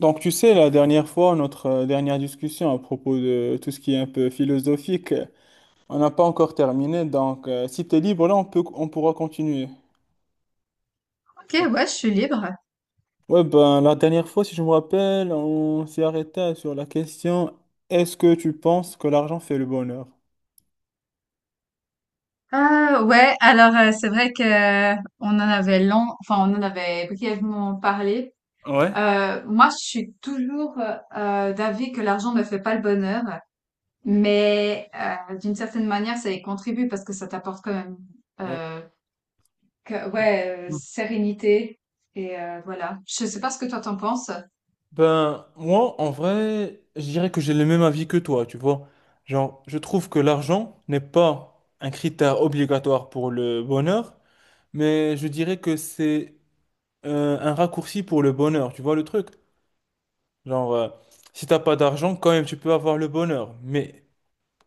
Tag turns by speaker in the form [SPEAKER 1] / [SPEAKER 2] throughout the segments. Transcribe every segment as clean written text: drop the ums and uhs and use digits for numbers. [SPEAKER 1] Donc, tu sais, la dernière fois, notre dernière discussion à propos de tout ce qui est un peu philosophique, on n'a pas encore terminé. Donc, si tu es libre, là, on peut, on pourra continuer.
[SPEAKER 2] Ok, ouais, je suis libre.
[SPEAKER 1] Ouais, ben, la dernière fois, si je me rappelle, on s'est arrêté sur la question, est-ce que tu penses que l'argent fait le bonheur?
[SPEAKER 2] Ouais, alors c'est vrai que on en avait long, on en avait brièvement parlé.
[SPEAKER 1] Ouais.
[SPEAKER 2] Moi, je suis toujours d'avis que l'argent ne fait pas le bonheur, mais d'une certaine manière, ça y contribue parce que ça t'apporte quand même,
[SPEAKER 1] Ouais.
[SPEAKER 2] euh, ouais,
[SPEAKER 1] Mm.
[SPEAKER 2] sérénité et voilà. Je sais pas ce que toi t'en penses.
[SPEAKER 1] Ben, moi, en vrai, je dirais que j'ai le même avis que toi, tu vois. Genre, je trouve que l'argent n'est pas un critère obligatoire pour le bonheur, mais je dirais que c'est un raccourci pour le bonheur, tu vois le truc? Genre, si t'as pas d'argent, quand même, tu peux avoir le bonheur. Mais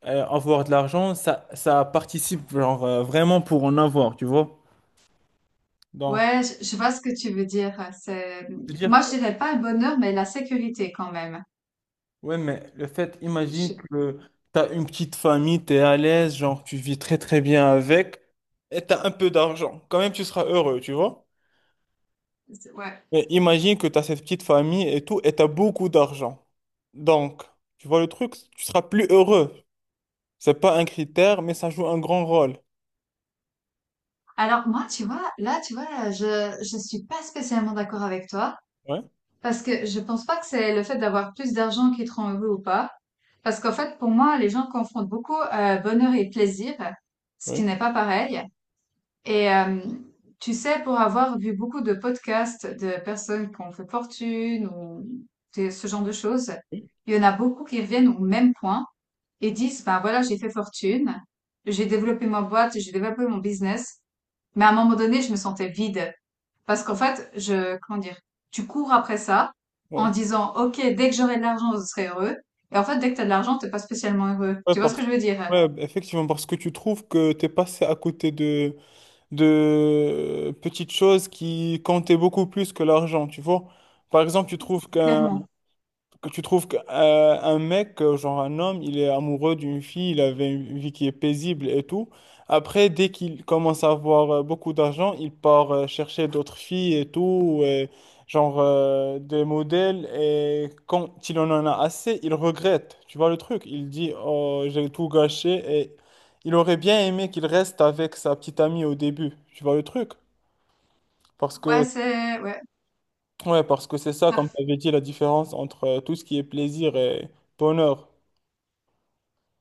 [SPEAKER 1] avoir de l'argent, ça participe genre, vraiment pour en avoir, tu vois? Donc,
[SPEAKER 2] Ouais, je vois ce que tu veux dire.
[SPEAKER 1] je veux dire
[SPEAKER 2] Moi,
[SPEAKER 1] que,
[SPEAKER 2] je dirais pas le bonheur, mais la sécurité quand même.
[SPEAKER 1] ouais, mais le fait, imagine
[SPEAKER 2] Je,
[SPEAKER 1] que t'as une petite famille, t'es à l'aise, genre, tu vis très très bien avec, et t'as un peu d'argent. Quand même, tu seras heureux, tu vois?
[SPEAKER 2] ouais.
[SPEAKER 1] Mais imagine que t'as cette petite famille et tout, et t'as beaucoup d'argent. Donc, tu vois le truc, tu seras plus heureux. C'est pas un critère, mais ça joue un grand rôle.
[SPEAKER 2] Alors moi, tu vois, là, tu vois, je suis pas spécialement d'accord avec toi
[SPEAKER 1] Ouais,
[SPEAKER 2] parce que je pense pas que c'est le fait d'avoir plus d'argent qui te rend heureux ou pas. Parce qu'en fait, pour moi, les gens confondent beaucoup bonheur et plaisir, ce qui
[SPEAKER 1] ouais,
[SPEAKER 2] n'est pas pareil. Et euh, tu sais, pour avoir vu beaucoup de podcasts de personnes qui ont fait fortune ou ce genre de choses,
[SPEAKER 1] oui,
[SPEAKER 2] il y en a beaucoup qui reviennent au même point et disent, ben voilà, j'ai fait fortune, j'ai développé ma boîte, j'ai développé mon business. Mais à un moment donné, je me sentais vide. Parce qu'en fait, comment dire, tu cours après ça
[SPEAKER 1] ouais.
[SPEAKER 2] en disant, OK, dès que j'aurai de l'argent, je serai heureux. Et en fait, dès que t'as de l'argent, t'es pas spécialement heureux.
[SPEAKER 1] Ouais,
[SPEAKER 2] Tu vois ce
[SPEAKER 1] parce-
[SPEAKER 2] que je veux dire?
[SPEAKER 1] ouais, effectivement, parce que tu trouves que tu es passé à côté de petites choses qui comptaient beaucoup plus que l'argent, tu vois. Par exemple, tu trouves qu'un
[SPEAKER 2] Clairement.
[SPEAKER 1] Que tu trouves qu'un un mec, genre un homme, il est amoureux d'une fille, il avait une vie qui est paisible et tout. Après, dès qu'il commence à avoir beaucoup d'argent, il part chercher d'autres filles et tout, et genre des modèles. Et quand il en a assez, il regrette. Tu vois le truc? Il dit, oh, j'ai tout gâché. Et il aurait bien aimé qu'il reste avec sa petite amie au début. Tu vois le truc? Parce
[SPEAKER 2] Ouais,
[SPEAKER 1] que,
[SPEAKER 2] c'est, ouais,
[SPEAKER 1] ouais, parce que c'est ça, comme tu
[SPEAKER 2] ça-
[SPEAKER 1] avais dit, la différence entre tout ce qui est plaisir et bonheur.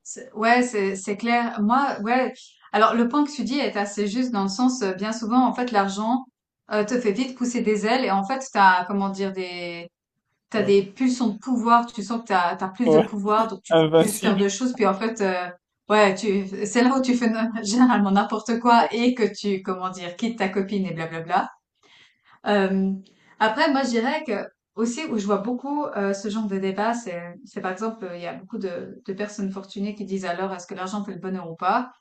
[SPEAKER 2] ouais, c'est clair. Moi, ouais. Alors, le point que tu dis est assez juste dans le sens, bien souvent, en fait, l'argent, te fait vite pousser des ailes et en fait, t'as
[SPEAKER 1] Ouais.
[SPEAKER 2] des pulsions de pouvoir, tu sens que t'as plus de
[SPEAKER 1] Ouais,
[SPEAKER 2] pouvoir, donc tu peux plus faire
[SPEAKER 1] invincible.
[SPEAKER 2] de choses. Puis en fait, ouais, c'est là où tu fais généralement n'importe quoi et que tu, comment dire, quittes ta copine et blablabla. Euh, Après, moi, je dirais que aussi où je vois beaucoup ce genre de débat, c'est par exemple, il y a beaucoup de personnes fortunées qui disent alors est-ce que l'argent fait le bonheur ou pas?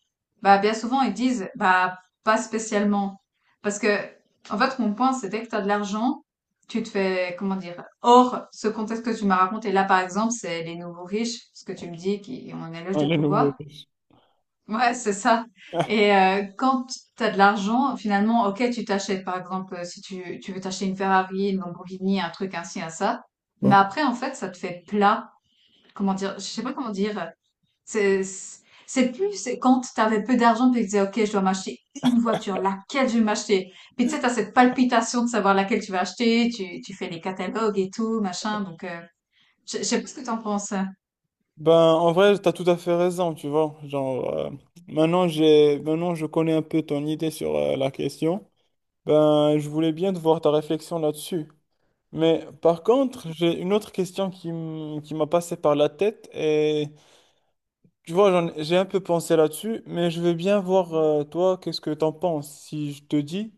[SPEAKER 2] Bah, bien souvent, ils disent bah, pas spécialement. Parce que, en fait, mon point, c'est dès que tu as de l'argent, tu te fais, comment dire, hors ce contexte que tu m'as raconté. Là, par exemple, c'est les nouveaux riches, ce que tu me dis, qui ont un éloge
[SPEAKER 1] Ouais,
[SPEAKER 2] de
[SPEAKER 1] le nouveau
[SPEAKER 2] pouvoir.
[SPEAKER 1] riche.
[SPEAKER 2] Ouais, c'est ça. Quand tu as de l'argent, finalement, ok, tu t'achètes, par exemple, si tu, tu veux t'acheter une Ferrari, une Lamborghini, un truc ainsi, un ça. Mais
[SPEAKER 1] Ouais.
[SPEAKER 2] après, en fait, ça te fait plat. Comment dire? Je sais pas comment dire. C'est plus, c'est quand t'avais peu d'argent, puis tu disais, ok, je dois m'acheter une voiture, laquelle je vais m'acheter? Puis tu sais, t'as cette palpitation de savoir laquelle tu vas acheter, tu fais les catalogues et tout, machin. Donc, je sais pas ce que t'en penses. Hein.
[SPEAKER 1] Ben, en vrai, t'as tout à fait raison, tu vois. Genre, maintenant, maintenant, je connais un peu ton idée sur la question. Ben, je voulais bien te voir ta réflexion là-dessus. Mais par contre, j'ai une autre question qui m'a passé par la tête. Et tu vois, j'ai un peu pensé là-dessus, mais je veux bien voir, toi, qu'est-ce que t'en penses. Si je te dis,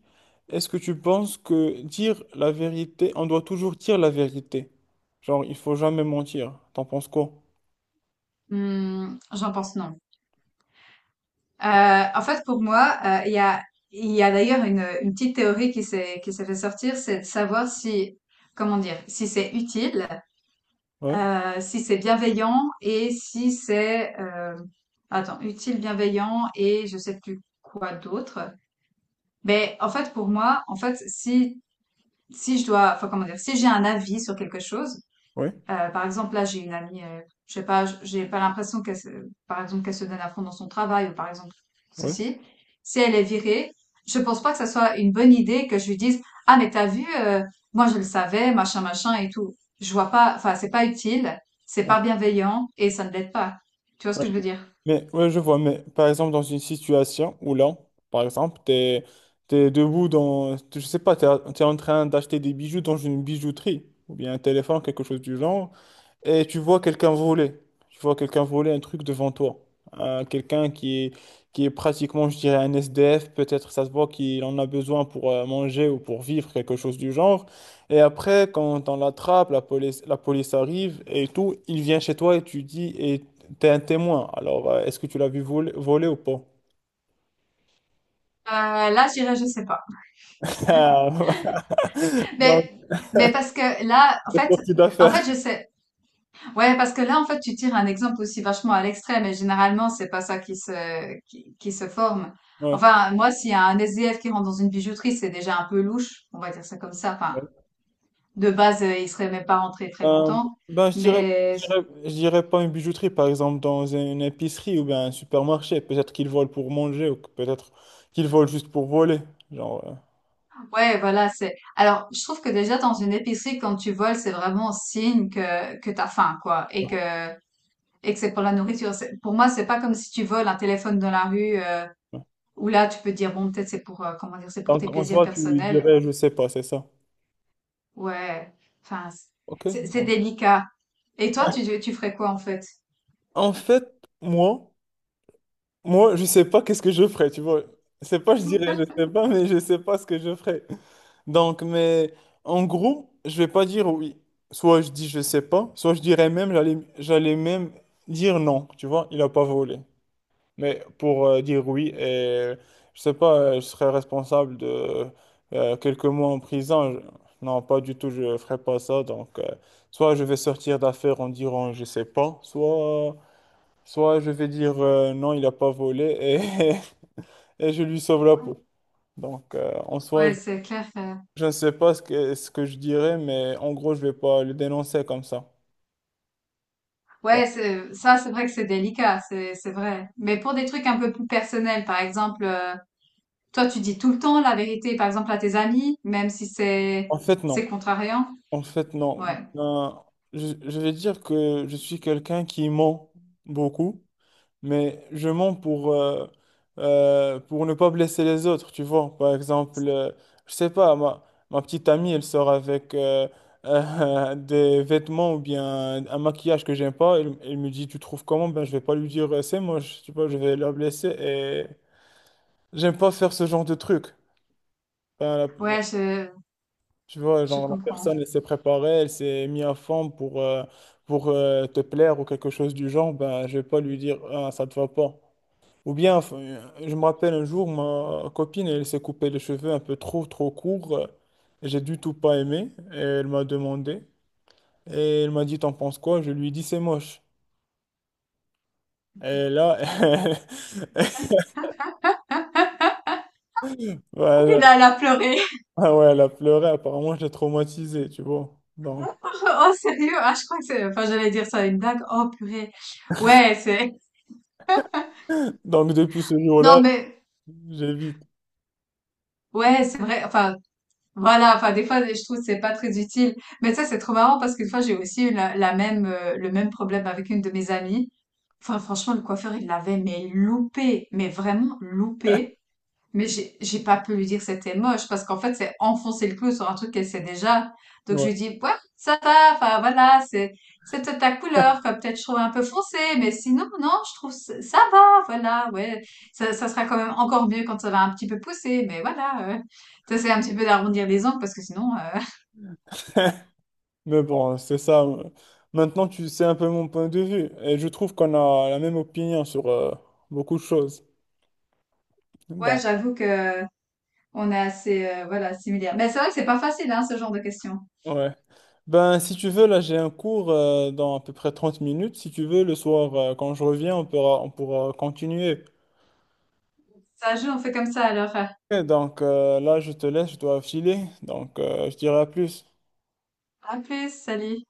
[SPEAKER 1] est-ce que tu penses que dire la vérité, on doit toujours dire la vérité? Genre, il faut jamais mentir. T'en penses quoi?
[SPEAKER 2] Hmm, j'en pense non. En fait, pour moi, il y a, Il y a d'ailleurs une petite théorie qui qui s'est fait sortir, c'est de savoir si, comment dire, si c'est utile,
[SPEAKER 1] Ouais,
[SPEAKER 2] si c'est bienveillant et si c'est, attends, utile, bienveillant et je sais plus quoi d'autre. Ben, en fait, pour moi, en fait, si, si je dois, enfin, comment dire, si j'ai un avis sur quelque chose,
[SPEAKER 1] ouais,
[SPEAKER 2] par exemple, là, j'ai une amie, je sais pas, j'ai pas l'impression par exemple, qu'elle se donne à fond dans son travail, ou par exemple,
[SPEAKER 1] ouais.
[SPEAKER 2] ceci. Si elle est virée, je pense pas que ça soit une bonne idée que je lui dise, ah, mais t'as vu, moi, je le savais, machin, machin et tout. Je vois pas, enfin, c'est pas utile, c'est
[SPEAKER 1] Ouais.
[SPEAKER 2] pas bienveillant, et ça ne l'aide pas. Tu vois ce
[SPEAKER 1] Ouais.
[SPEAKER 2] que je veux dire?
[SPEAKER 1] Mais, ouais, je vois, mais par exemple, dans une situation où là, par exemple, t'es debout dans, je sais pas, t'es en train d'acheter des bijoux dans une bijouterie, ou bien un téléphone, quelque chose du genre. Et tu vois quelqu'un voler. Tu vois quelqu'un voler un truc devant toi. Quelqu'un qui est pratiquement, je dirais, un SDF. Peut-être ça se voit qu'il en a besoin pour manger ou pour vivre, quelque chose du genre. Et après, quand on l'attrape, la police arrive et tout, il vient chez toi et tu dis, et t'es un témoin. Alors, est-ce que tu l'as vu voler ou pas?
[SPEAKER 2] Là, je dirais, je sais pas.
[SPEAKER 1] Ah, non,
[SPEAKER 2] Mais, mais parce que là, en
[SPEAKER 1] c'est
[SPEAKER 2] fait,
[SPEAKER 1] parti
[SPEAKER 2] en
[SPEAKER 1] d'affaire.
[SPEAKER 2] fait, je sais, ouais, parce que là, en fait, tu tires un exemple aussi vachement à l'extrême et généralement, c'est pas ça qui qui se forme.
[SPEAKER 1] Ouais.
[SPEAKER 2] Enfin, moi, s'il y a un SDF qui rentre dans une bijouterie, c'est déjà un peu louche, on va dire ça comme ça. Enfin, de base, il serait même pas rentré très
[SPEAKER 1] Euh,
[SPEAKER 2] longtemps.
[SPEAKER 1] je dirais,
[SPEAKER 2] Mais
[SPEAKER 1] je dirais pas une bijouterie, par exemple, dans une épicerie ou bien un supermarché. Peut-être qu'ils volent pour manger ou que peut-être qu'ils volent juste pour voler. Genre,
[SPEAKER 2] ouais, voilà, c'est. Alors, je trouve que déjà dans une épicerie, quand tu voles, c'est vraiment signe que t'as faim, quoi, et que c'est pour la nourriture. C'est- Pour moi, c'est pas comme si tu voles un téléphone dans la rue,
[SPEAKER 1] ouais.
[SPEAKER 2] où là, tu peux te dire bon, peut-être c'est pour comment dire, c'est pour
[SPEAKER 1] Donc,
[SPEAKER 2] tes
[SPEAKER 1] en
[SPEAKER 2] plaisirs
[SPEAKER 1] soi, tu
[SPEAKER 2] personnels.
[SPEAKER 1] dirais, je sais pas, c'est ça.
[SPEAKER 2] Ouais, enfin,
[SPEAKER 1] Ok.
[SPEAKER 2] c'est délicat. Et toi, tu ferais quoi en fait?
[SPEAKER 1] En fait, moi, moi, je sais pas qu'est-ce que je ferais, tu vois. C'est pas, je dirais, je sais pas, mais je sais pas ce que je ferais. Donc, mais en gros, je vais pas dire oui. Soit je dis je sais pas, soit je dirais même, j'allais même dire non, tu vois, il a pas volé. Mais pour dire oui, et je sais pas, je serais responsable de quelques mois en prison. Je- non, pas du tout, je ferais pas ça. Donc, soit je vais sortir d'affaire en disant je sais pas, soit je vais dire non, il a pas volé, et et je lui sauve la peau. Donc,
[SPEAKER 2] Ouais, c'est clair.
[SPEAKER 1] je ne sais pas ce que, ce que je dirais, mais en gros, je vais pas le dénoncer comme ça. Ouais.
[SPEAKER 2] Ouais, c'est vrai que c'est délicat, c'est vrai. Mais pour des trucs un peu plus personnels, par exemple, toi, tu dis tout le temps la vérité, par exemple, à tes amis, même si
[SPEAKER 1] En fait, non.
[SPEAKER 2] c'est contrariant.
[SPEAKER 1] En fait, non.
[SPEAKER 2] Ouais,
[SPEAKER 1] Ben, je vais dire que je suis quelqu'un qui ment beaucoup. Mais je mens pour ne pas blesser les autres, tu vois. Par exemple, je sais pas, ma petite amie, elle sort avec des vêtements ou bien un maquillage que j'aime pas. Elle me dit, tu trouves comment? Ben, je vais pas lui dire, c'est moche, tu vois, je vais la blesser et j'aime pas faire ce genre de truc. Ben, la-
[SPEAKER 2] ouais, je,
[SPEAKER 1] tu vois,
[SPEAKER 2] je
[SPEAKER 1] genre, la personne,
[SPEAKER 2] comprends.
[SPEAKER 1] elle s'est préparée, elle s'est mise à fond pour te plaire ou quelque chose du genre. Ben, je vais pas lui dire, ah, ça te va pas. Ou bien, enfin, je me rappelle un jour, ma copine, elle s'est coupé les cheveux un peu trop courts. J'ai du tout pas aimé. Et elle m'a demandé. Et elle m'a dit, t'en penses quoi? Je lui ai dit, c'est moche. Et là,
[SPEAKER 2] Et
[SPEAKER 1] voilà.
[SPEAKER 2] là, elle a pleuré.
[SPEAKER 1] Ah ouais, elle a pleuré. Apparemment, je l'ai traumatisée, tu vois. Donc,
[SPEAKER 2] Oh, sérieux? Ah, je crois que c'est, enfin, j'allais dire ça, à une blague. Oh, purée. Ouais, c'est,
[SPEAKER 1] donc depuis ce jour-là,
[SPEAKER 2] non, mais,
[SPEAKER 1] j'évite.
[SPEAKER 2] Ouais, c'est vrai. Voilà, enfin des fois je trouve que c'est pas très utile. Mais ça c'est trop marrant parce qu'une fois j'ai aussi eu la même le même problème avec une de mes amies. Enfin franchement le coiffeur il l'avait mais loupé, mais vraiment loupé. Mais j'ai pas pu lui dire que c'était moche parce qu'en fait, c'est enfoncer le clou sur un truc qu'elle sait déjà. Donc je
[SPEAKER 1] Ouais.
[SPEAKER 2] lui dis, ouais, ça va, enfin voilà, c'est peut-être ta couleur, quoi, peut-être je trouve un peu foncé, mais sinon, non, je trouve ça va, voilà, ouais. Ça sera quand même encore mieux quand ça va un petit peu pousser, mais voilà. T'essaies un petit peu d'arrondir les angles parce que sinon,
[SPEAKER 1] Mais bon, c'est ça. Maintenant, tu sais un peu mon point de vue. Et je trouve qu'on a la même opinion sur beaucoup de choses.
[SPEAKER 2] ouais,
[SPEAKER 1] Donc,
[SPEAKER 2] j'avoue que on est assez, voilà, similaires. Mais c'est vrai que c'est pas facile, hein, ce genre de questions.
[SPEAKER 1] ouais. Ben, si tu veux, là, j'ai un cours dans à peu près 30 minutes. Si tu veux, le soir, quand je reviens, on pourra continuer.
[SPEAKER 2] Ça joue, on fait comme ça alors.
[SPEAKER 1] Et donc, là, je te laisse, je dois filer. Donc, je dirai à plus.
[SPEAKER 2] À plus, salut.